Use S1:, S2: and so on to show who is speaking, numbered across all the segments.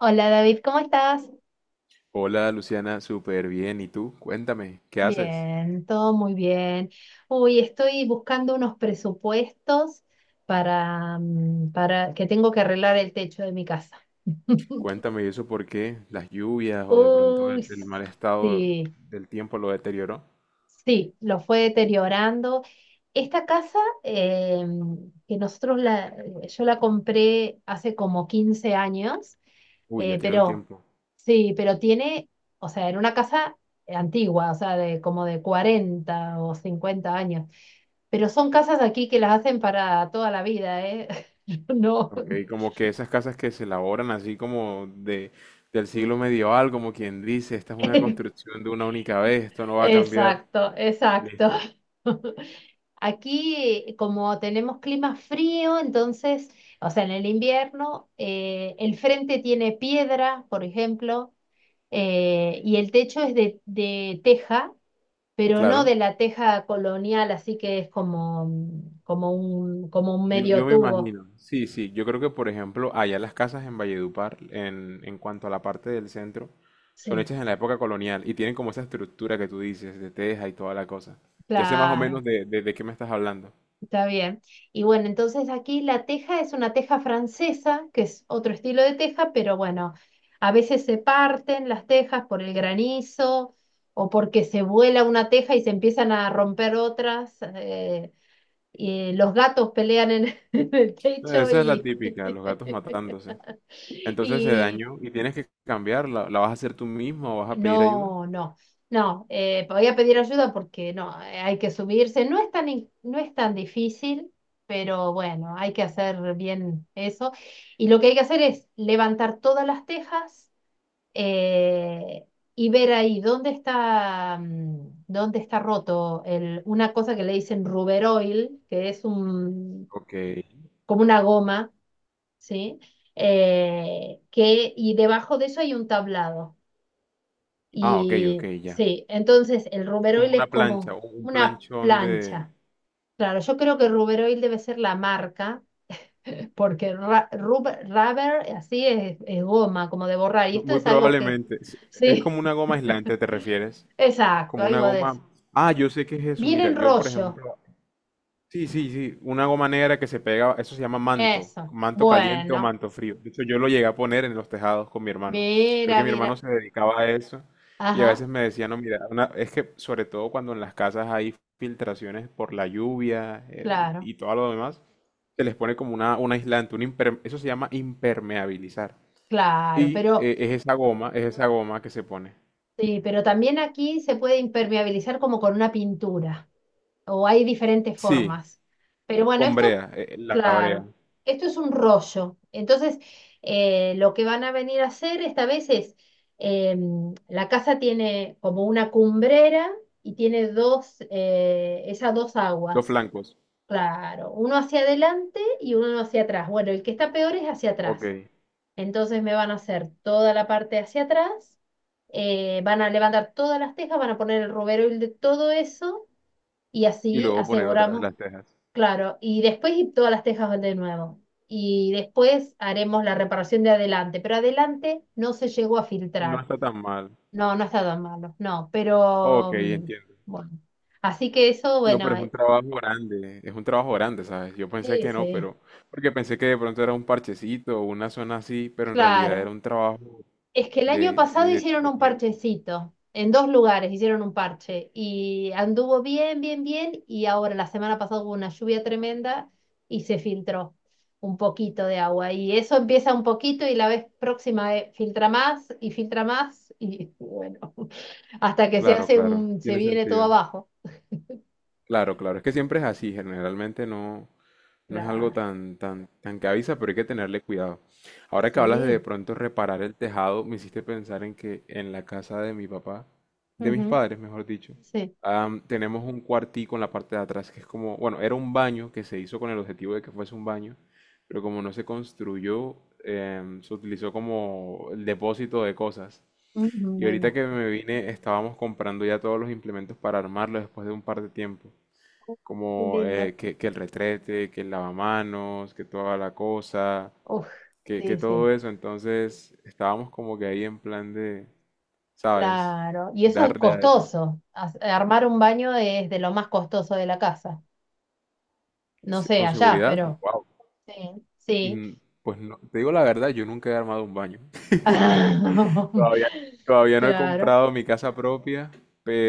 S1: Hola David, ¿cómo estás?
S2: Hola Luciana, súper bien. ¿Y tú? Cuéntame, ¿qué haces?
S1: Bien, todo muy bien. Uy, estoy buscando unos presupuestos para que tengo que arreglar el techo de mi casa.
S2: Cuéntame, ¿y eso por qué? ¿Las lluvias o de pronto
S1: Uy,
S2: el mal estado
S1: sí.
S2: del tiempo lo deterioró?
S1: Sí, lo fue deteriorando. Esta casa eh, que nosotros la, yo la compré hace como 15 años,
S2: Uy, ya
S1: eh,
S2: tiene un
S1: pero
S2: tiempo.
S1: sí, pero tiene, o sea, era una casa antigua, o sea, de como de 40 o 50 años. Pero son casas aquí que las hacen para toda la vida, ¿eh? No,
S2: Ok, como que esas casas que se elaboran así como del siglo medieval, como quien dice, esta es una construcción de una única vez, esto no va a cambiar.
S1: exacto, exacto.
S2: Listo.
S1: Aquí, como tenemos clima frío, entonces, o sea, en el invierno, el frente tiene piedra, por ejemplo, y el techo es de teja, pero no
S2: Claro.
S1: de la teja colonial, así que es como, como un
S2: Yo
S1: medio
S2: me
S1: tubo.
S2: imagino, sí, sí, yo creo que por ejemplo allá las casas en Valledupar, en cuanto a la parte del centro, son
S1: Sí,
S2: hechas en la época colonial y tienen como esa estructura que tú dices, de teja y toda la cosa. Ya sé más o menos
S1: claro.
S2: de qué me estás hablando.
S1: Está bien. Y bueno, entonces aquí la teja es una teja francesa, que es otro estilo de teja, pero bueno, a veces se parten las tejas por el granizo o porque se vuela una teja y se empiezan a romper otras. Y los gatos pelean en, en el
S2: No,
S1: techo
S2: esa es la
S1: y,
S2: típica, los gatos matándose. Entonces se
S1: y
S2: dañó y tienes que cambiarla, ¿la vas a hacer tú mismo o vas a pedir ayuda?
S1: no, no, no, podía pedir ayuda porque no, hay que subirse, no es tan, no es tan difícil, pero bueno, hay que hacer bien eso. Y lo que hay que hacer es levantar todas las tejas eh, y ver ahí dónde está, dónde está roto el, una cosa que le dicen rubber oil, que es un,
S2: Ok.
S1: como una goma, ¿sí? Y debajo de eso hay un tablado.
S2: Ah, ok, ok,
S1: Y
S2: ya.
S1: sí, entonces el
S2: Como
S1: Ruberoil
S2: una
S1: es
S2: plancha
S1: como
S2: o un
S1: una
S2: planchón de...
S1: plancha. Claro, yo creo que Ruberoil debe ser la marca, porque rubber así es goma, como de borrar. Y
S2: No,
S1: esto
S2: muy
S1: es algo que,
S2: probablemente. Es
S1: sí,
S2: como una goma aislante, ¿te refieres?
S1: exacto,
S2: Como una
S1: algo de eso.
S2: goma. Ah, yo sé qué es eso.
S1: Viene
S2: Mira,
S1: en
S2: yo por
S1: rollo,
S2: ejemplo. Sí, sí, sí. Una goma negra que se pega. Eso se llama manto.
S1: eso.
S2: Manto caliente o
S1: Bueno,
S2: manto frío. De hecho, yo lo llegué a poner en los tejados con mi hermano. Creo que mi hermano
S1: mira.
S2: se dedicaba a eso. Y a
S1: Ajá,
S2: veces me decía, no, mira, es que sobre todo cuando en las casas hay filtraciones por la lluvia
S1: claro,
S2: y todo lo demás, se les pone como una, un aislante. Eso se llama impermeabilizar.
S1: claro.
S2: Y
S1: Pero
S2: es esa goma que se pone.
S1: sí, pero también aquí se puede impermeabilizar como con una pintura, o hay diferentes
S2: Sí,
S1: formas. Pero bueno,
S2: con
S1: esto,
S2: brea, la brea.
S1: claro, esto es un rollo. Entonces, lo que van a venir a hacer esta vez es, eh, la casa tiene como una cumbrera y tiene dos, esas dos
S2: Los
S1: aguas.
S2: flancos.
S1: Claro, uno hacia adelante y uno hacia atrás. Bueno, el que está peor es hacia
S2: Ok.
S1: atrás. Entonces me van a hacer toda la parte hacia atrás, van a levantar todas las tejas, van a poner el robero y de todo eso y
S2: Y
S1: así
S2: luego poner otra vez
S1: aseguramos.
S2: las cejas.
S1: Claro, y después y todas las tejas de nuevo. Y después haremos la reparación de adelante, pero adelante no se llegó a
S2: No
S1: filtrar.
S2: está tan mal.
S1: No, no está tan malo, no, pero
S2: Ok,
S1: mm,
S2: entiendo.
S1: bueno. Así que eso,
S2: No, pero
S1: bueno,
S2: es un trabajo grande. Es un trabajo grande, ¿sabes? Yo pensé que no,
S1: ese,
S2: pero... Porque pensé que de pronto era un parchecito o una zona así, pero en realidad era
S1: claro.
S2: un trabajo
S1: Es que el año pasado hicieron
S2: de
S1: un
S2: tiempo.
S1: parchecito, en dos lugares hicieron un parche y anduvo bien, bien, bien y ahora la semana pasada hubo una lluvia tremenda y se filtró un poquito de agua y eso empieza un poquito y la vez próxima filtra más y bueno, hasta que se
S2: Claro,
S1: hace
S2: claro.
S1: un, se
S2: Tiene
S1: viene todo
S2: sentido.
S1: abajo.
S2: Claro, claro, es que siempre es así, generalmente no, no es
S1: Claro,
S2: algo tan que avisa, pero hay que tenerle cuidado. Ahora que hablas de
S1: sí,
S2: pronto reparar el tejado, me hiciste pensar en que en la casa de mi papá, de mis
S1: ujú,
S2: padres, mejor dicho,
S1: sí,
S2: tenemos un cuartico en la parte de atrás que es como, bueno, era un baño que se hizo con el objetivo de que fuese un baño, pero como no se construyó, se utilizó como el depósito de cosas.
S1: ujú,
S2: Y
S1: me
S2: ahorita que
S1: imagino.
S2: me vine, estábamos comprando ya todos los implementos para armarlo después de un par de tiempo
S1: Qué
S2: como
S1: lindo.
S2: que el retrete, que el lavamanos, que toda la cosa,
S1: Uf,
S2: que
S1: sí,
S2: todo
S1: sí.
S2: eso. Entonces estábamos como que ahí en plan de, ¿sabes?
S1: Claro, y eso es
S2: Darle a eso.
S1: costoso. Armar un baño es de lo más costoso de la casa. No
S2: Sí,
S1: sé,
S2: con
S1: allá,
S2: seguridad,
S1: pero
S2: wow.
S1: sí, sí.
S2: Pues no, te digo la verdad, yo nunca he armado un baño. Todavía, todavía no he
S1: Claro,
S2: comprado mi casa propia,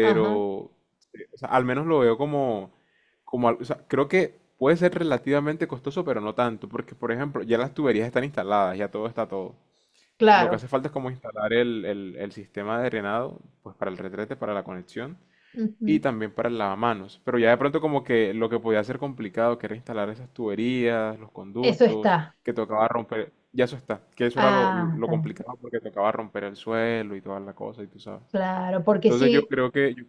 S1: ajá,
S2: o sea, al menos lo veo como, como, o sea, creo que puede ser relativamente costoso, pero no tanto, porque por ejemplo, ya las tuberías están instaladas, ya todo está todo. Lo que
S1: claro.
S2: hace falta es como instalar el sistema de drenado, pues para el retrete, para la conexión y
S1: Ujú.
S2: también para el lavamanos. Pero ya de pronto como que lo que podía ser complicado, que era instalar esas tuberías, los
S1: Eso
S2: conductos,
S1: está.
S2: que tocaba romper, ya eso está, que eso era
S1: Ah,
S2: lo
S1: está bien.
S2: complicado porque tocaba romper el suelo y toda la cosa y tú sabes.
S1: Claro, porque
S2: Entonces yo
S1: si,
S2: creo que, yo-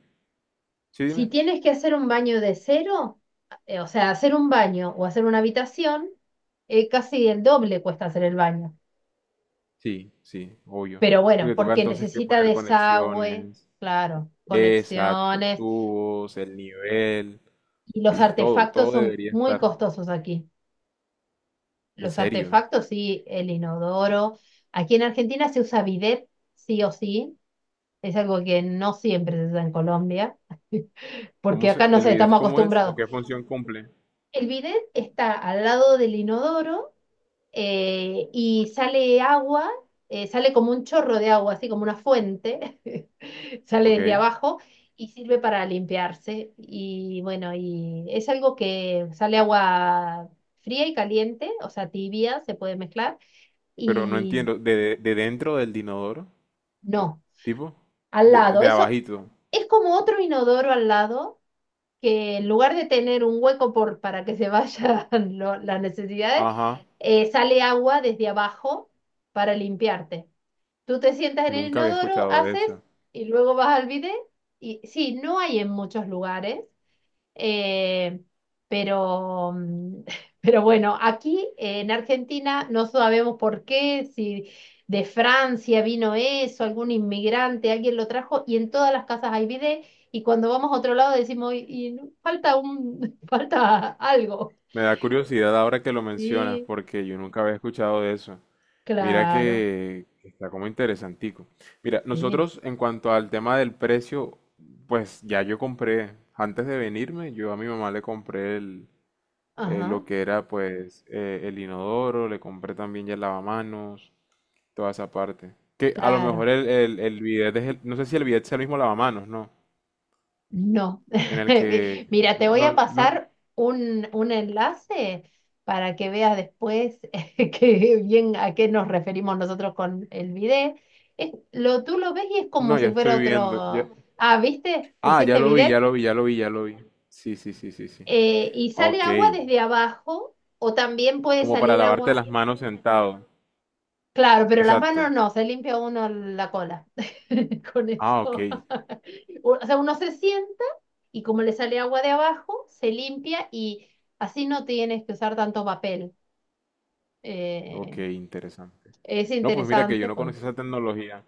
S2: sí,
S1: si
S2: dime.
S1: tienes que hacer un baño de cero, o sea, hacer un baño o hacer una habitación, casi el doble cuesta hacer el baño.
S2: Sí, sí, obvio.
S1: Pero bueno,
S2: Porque toca
S1: porque
S2: entonces que
S1: necesita
S2: poner
S1: desagüe,
S2: conexiones,
S1: claro,
S2: exacto,
S1: conexiones.
S2: tubos, el nivel,
S1: Y los
S2: todo,
S1: artefactos
S2: todo
S1: son
S2: debería
S1: muy
S2: estar.
S1: costosos aquí.
S2: En
S1: Los
S2: serio.
S1: artefactos, sí, el inodoro. Aquí en Argentina se usa bidet, sí o sí. Es algo que no siempre se usa en Colombia, porque
S2: ¿Cómo
S1: acá
S2: se,
S1: no
S2: el
S1: sé,
S2: bidet
S1: estamos
S2: cómo es o
S1: acostumbrados.
S2: qué función cumple?
S1: El bidet está al lado del inodoro y sale agua, sale como un chorro de agua, así como una fuente, sale desde
S2: Ok,
S1: abajo y sirve para limpiarse. Y bueno, y es algo que sale agua fría y caliente, o sea, tibia, se puede mezclar,
S2: pero no
S1: y
S2: entiendo. Dentro del inodoro?
S1: no,
S2: ¿Tipo?
S1: al lado.
S2: De
S1: Eso
S2: abajito.
S1: es como otro inodoro al lado, que en lugar de tener un hueco por, para que se vayan las necesidades,
S2: Ajá,
S1: sale agua desde abajo para limpiarte. Tú te sientas en el
S2: nunca había
S1: inodoro,
S2: escuchado de
S1: haces
S2: eso.
S1: y luego vas al bidet. Y sí, no hay en muchos lugares, eh, pero, mm, pero bueno, aquí en Argentina no sabemos por qué, si de Francia vino eso, algún inmigrante, alguien lo trajo y en todas las casas hay bidet. Y cuando vamos a otro lado decimos, y falta un, falta algo.
S2: Me da curiosidad ahora que lo mencionas
S1: Sí,
S2: porque yo nunca había escuchado de eso. Mira
S1: claro,
S2: que está como interesantico. Mira,
S1: sí,
S2: nosotros en cuanto al tema del precio, pues ya yo compré, antes de venirme, yo a mi mamá le compré el,
S1: ajá,
S2: lo que era el inodoro, le compré también ya el lavamanos, toda esa parte. Que a lo mejor
S1: claro.
S2: el bidet es no sé si el bidet es el mismo lavamanos, ¿no?
S1: No.
S2: En el que...
S1: Mira, te voy a
S2: No, no,
S1: pasar un enlace para que veas después que bien a qué nos referimos nosotros con el bidet. Tú lo ves y es como
S2: no, ya
S1: si fuera
S2: estoy viendo. Ya-
S1: otro. Ah, ¿viste?
S2: Ah, ya
S1: Pusiste
S2: lo vi, ya
S1: bidet.
S2: lo vi, ya lo vi, ya lo vi. Sí, sí, sí, sí, sí.
S1: Y sale
S2: Ok.
S1: agua desde abajo o también puede
S2: Como para
S1: salir
S2: lavarte
S1: agua.
S2: las manos sentado.
S1: Claro, pero las
S2: Exacto.
S1: manos no, se limpia uno la cola con
S2: Ah, ok.
S1: eso. O sea, uno se sienta y como le sale agua de abajo, se limpia y así no tienes que usar tanto papel.
S2: Ok,
S1: Eh,
S2: interesante.
S1: es
S2: No, pues mira que yo
S1: interesante,
S2: no
S1: pues.
S2: conocía esa tecnología.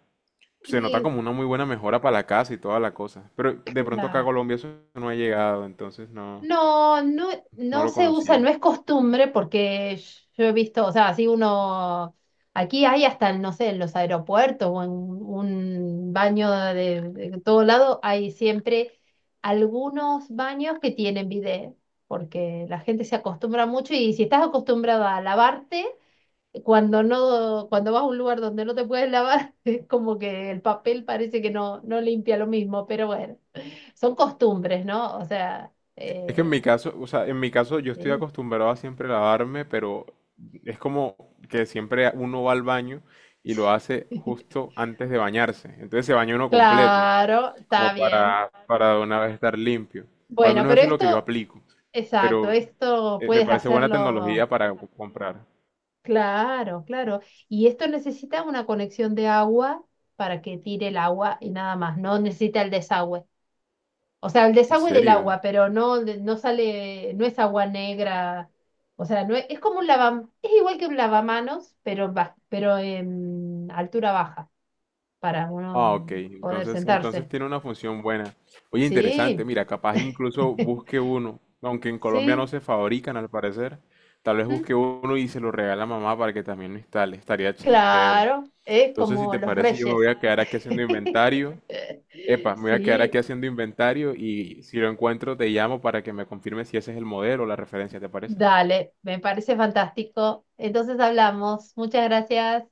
S2: Se nota
S1: Y,
S2: como una muy buena mejora para la casa y toda la cosa. Pero de pronto acá a Colombia eso no ha llegado, entonces no,
S1: no, no,
S2: no
S1: no
S2: lo
S1: se usa,
S2: conocía.
S1: no es costumbre porque yo he visto, o sea, si uno, aquí hay hasta, no sé, en los aeropuertos o en un baño de todo lado, hay siempre algunos baños que tienen bidet, porque la gente se acostumbra mucho y si estás acostumbrado a lavarte, cuando no, cuando vas a un lugar donde no te puedes lavar, es como que el papel parece que no, no limpia lo mismo, pero bueno, son costumbres, ¿no? O sea...
S2: Es que en mi caso, o sea, en mi caso yo estoy
S1: sí.
S2: acostumbrado a siempre lavarme, pero es como que siempre uno va al baño y lo hace
S1: Sí.
S2: justo antes de bañarse. Entonces se baña uno completo,
S1: Claro,
S2: como
S1: está bien.
S2: para de una vez estar limpio. O al
S1: Bueno,
S2: menos
S1: pero
S2: eso es lo que yo
S1: esto,
S2: aplico.
S1: exacto,
S2: Pero
S1: esto
S2: me
S1: puedes
S2: parece buena
S1: hacerlo.
S2: tecnología para co- comprar.
S1: Claro, claro. Y esto necesita una conexión de agua para que tire el agua y nada más. No necesita el desagüe. O sea, el
S2: ¿En
S1: desagüe del
S2: serio?
S1: agua, pero no, no sale, no es agua negra. O sea, no es, es como un lava, es igual que un lavamanos, pero, pero en altura baja, para
S2: Ah,
S1: uno
S2: ok.
S1: poder
S2: Entonces, entonces
S1: sentarse.
S2: tiene una función buena. Oye, interesante.
S1: Sí.
S2: Mira, capaz incluso busque uno, aunque en Colombia no
S1: Sí,
S2: se fabrican al parecer. Tal vez
S1: mm,
S2: busque uno y se lo regala a mamá para que también lo instale. Estaría chévere.
S1: claro, es
S2: Entonces, si
S1: como
S2: te
S1: los
S2: parece, yo me voy
S1: reyes.
S2: a quedar aquí haciendo inventario. Epa, me voy a quedar aquí
S1: Sí,
S2: haciendo inventario y si lo encuentro te llamo para que me confirme si ese es el modelo o la referencia, ¿te parece?
S1: dale, me parece fantástico. Entonces hablamos. Muchas gracias.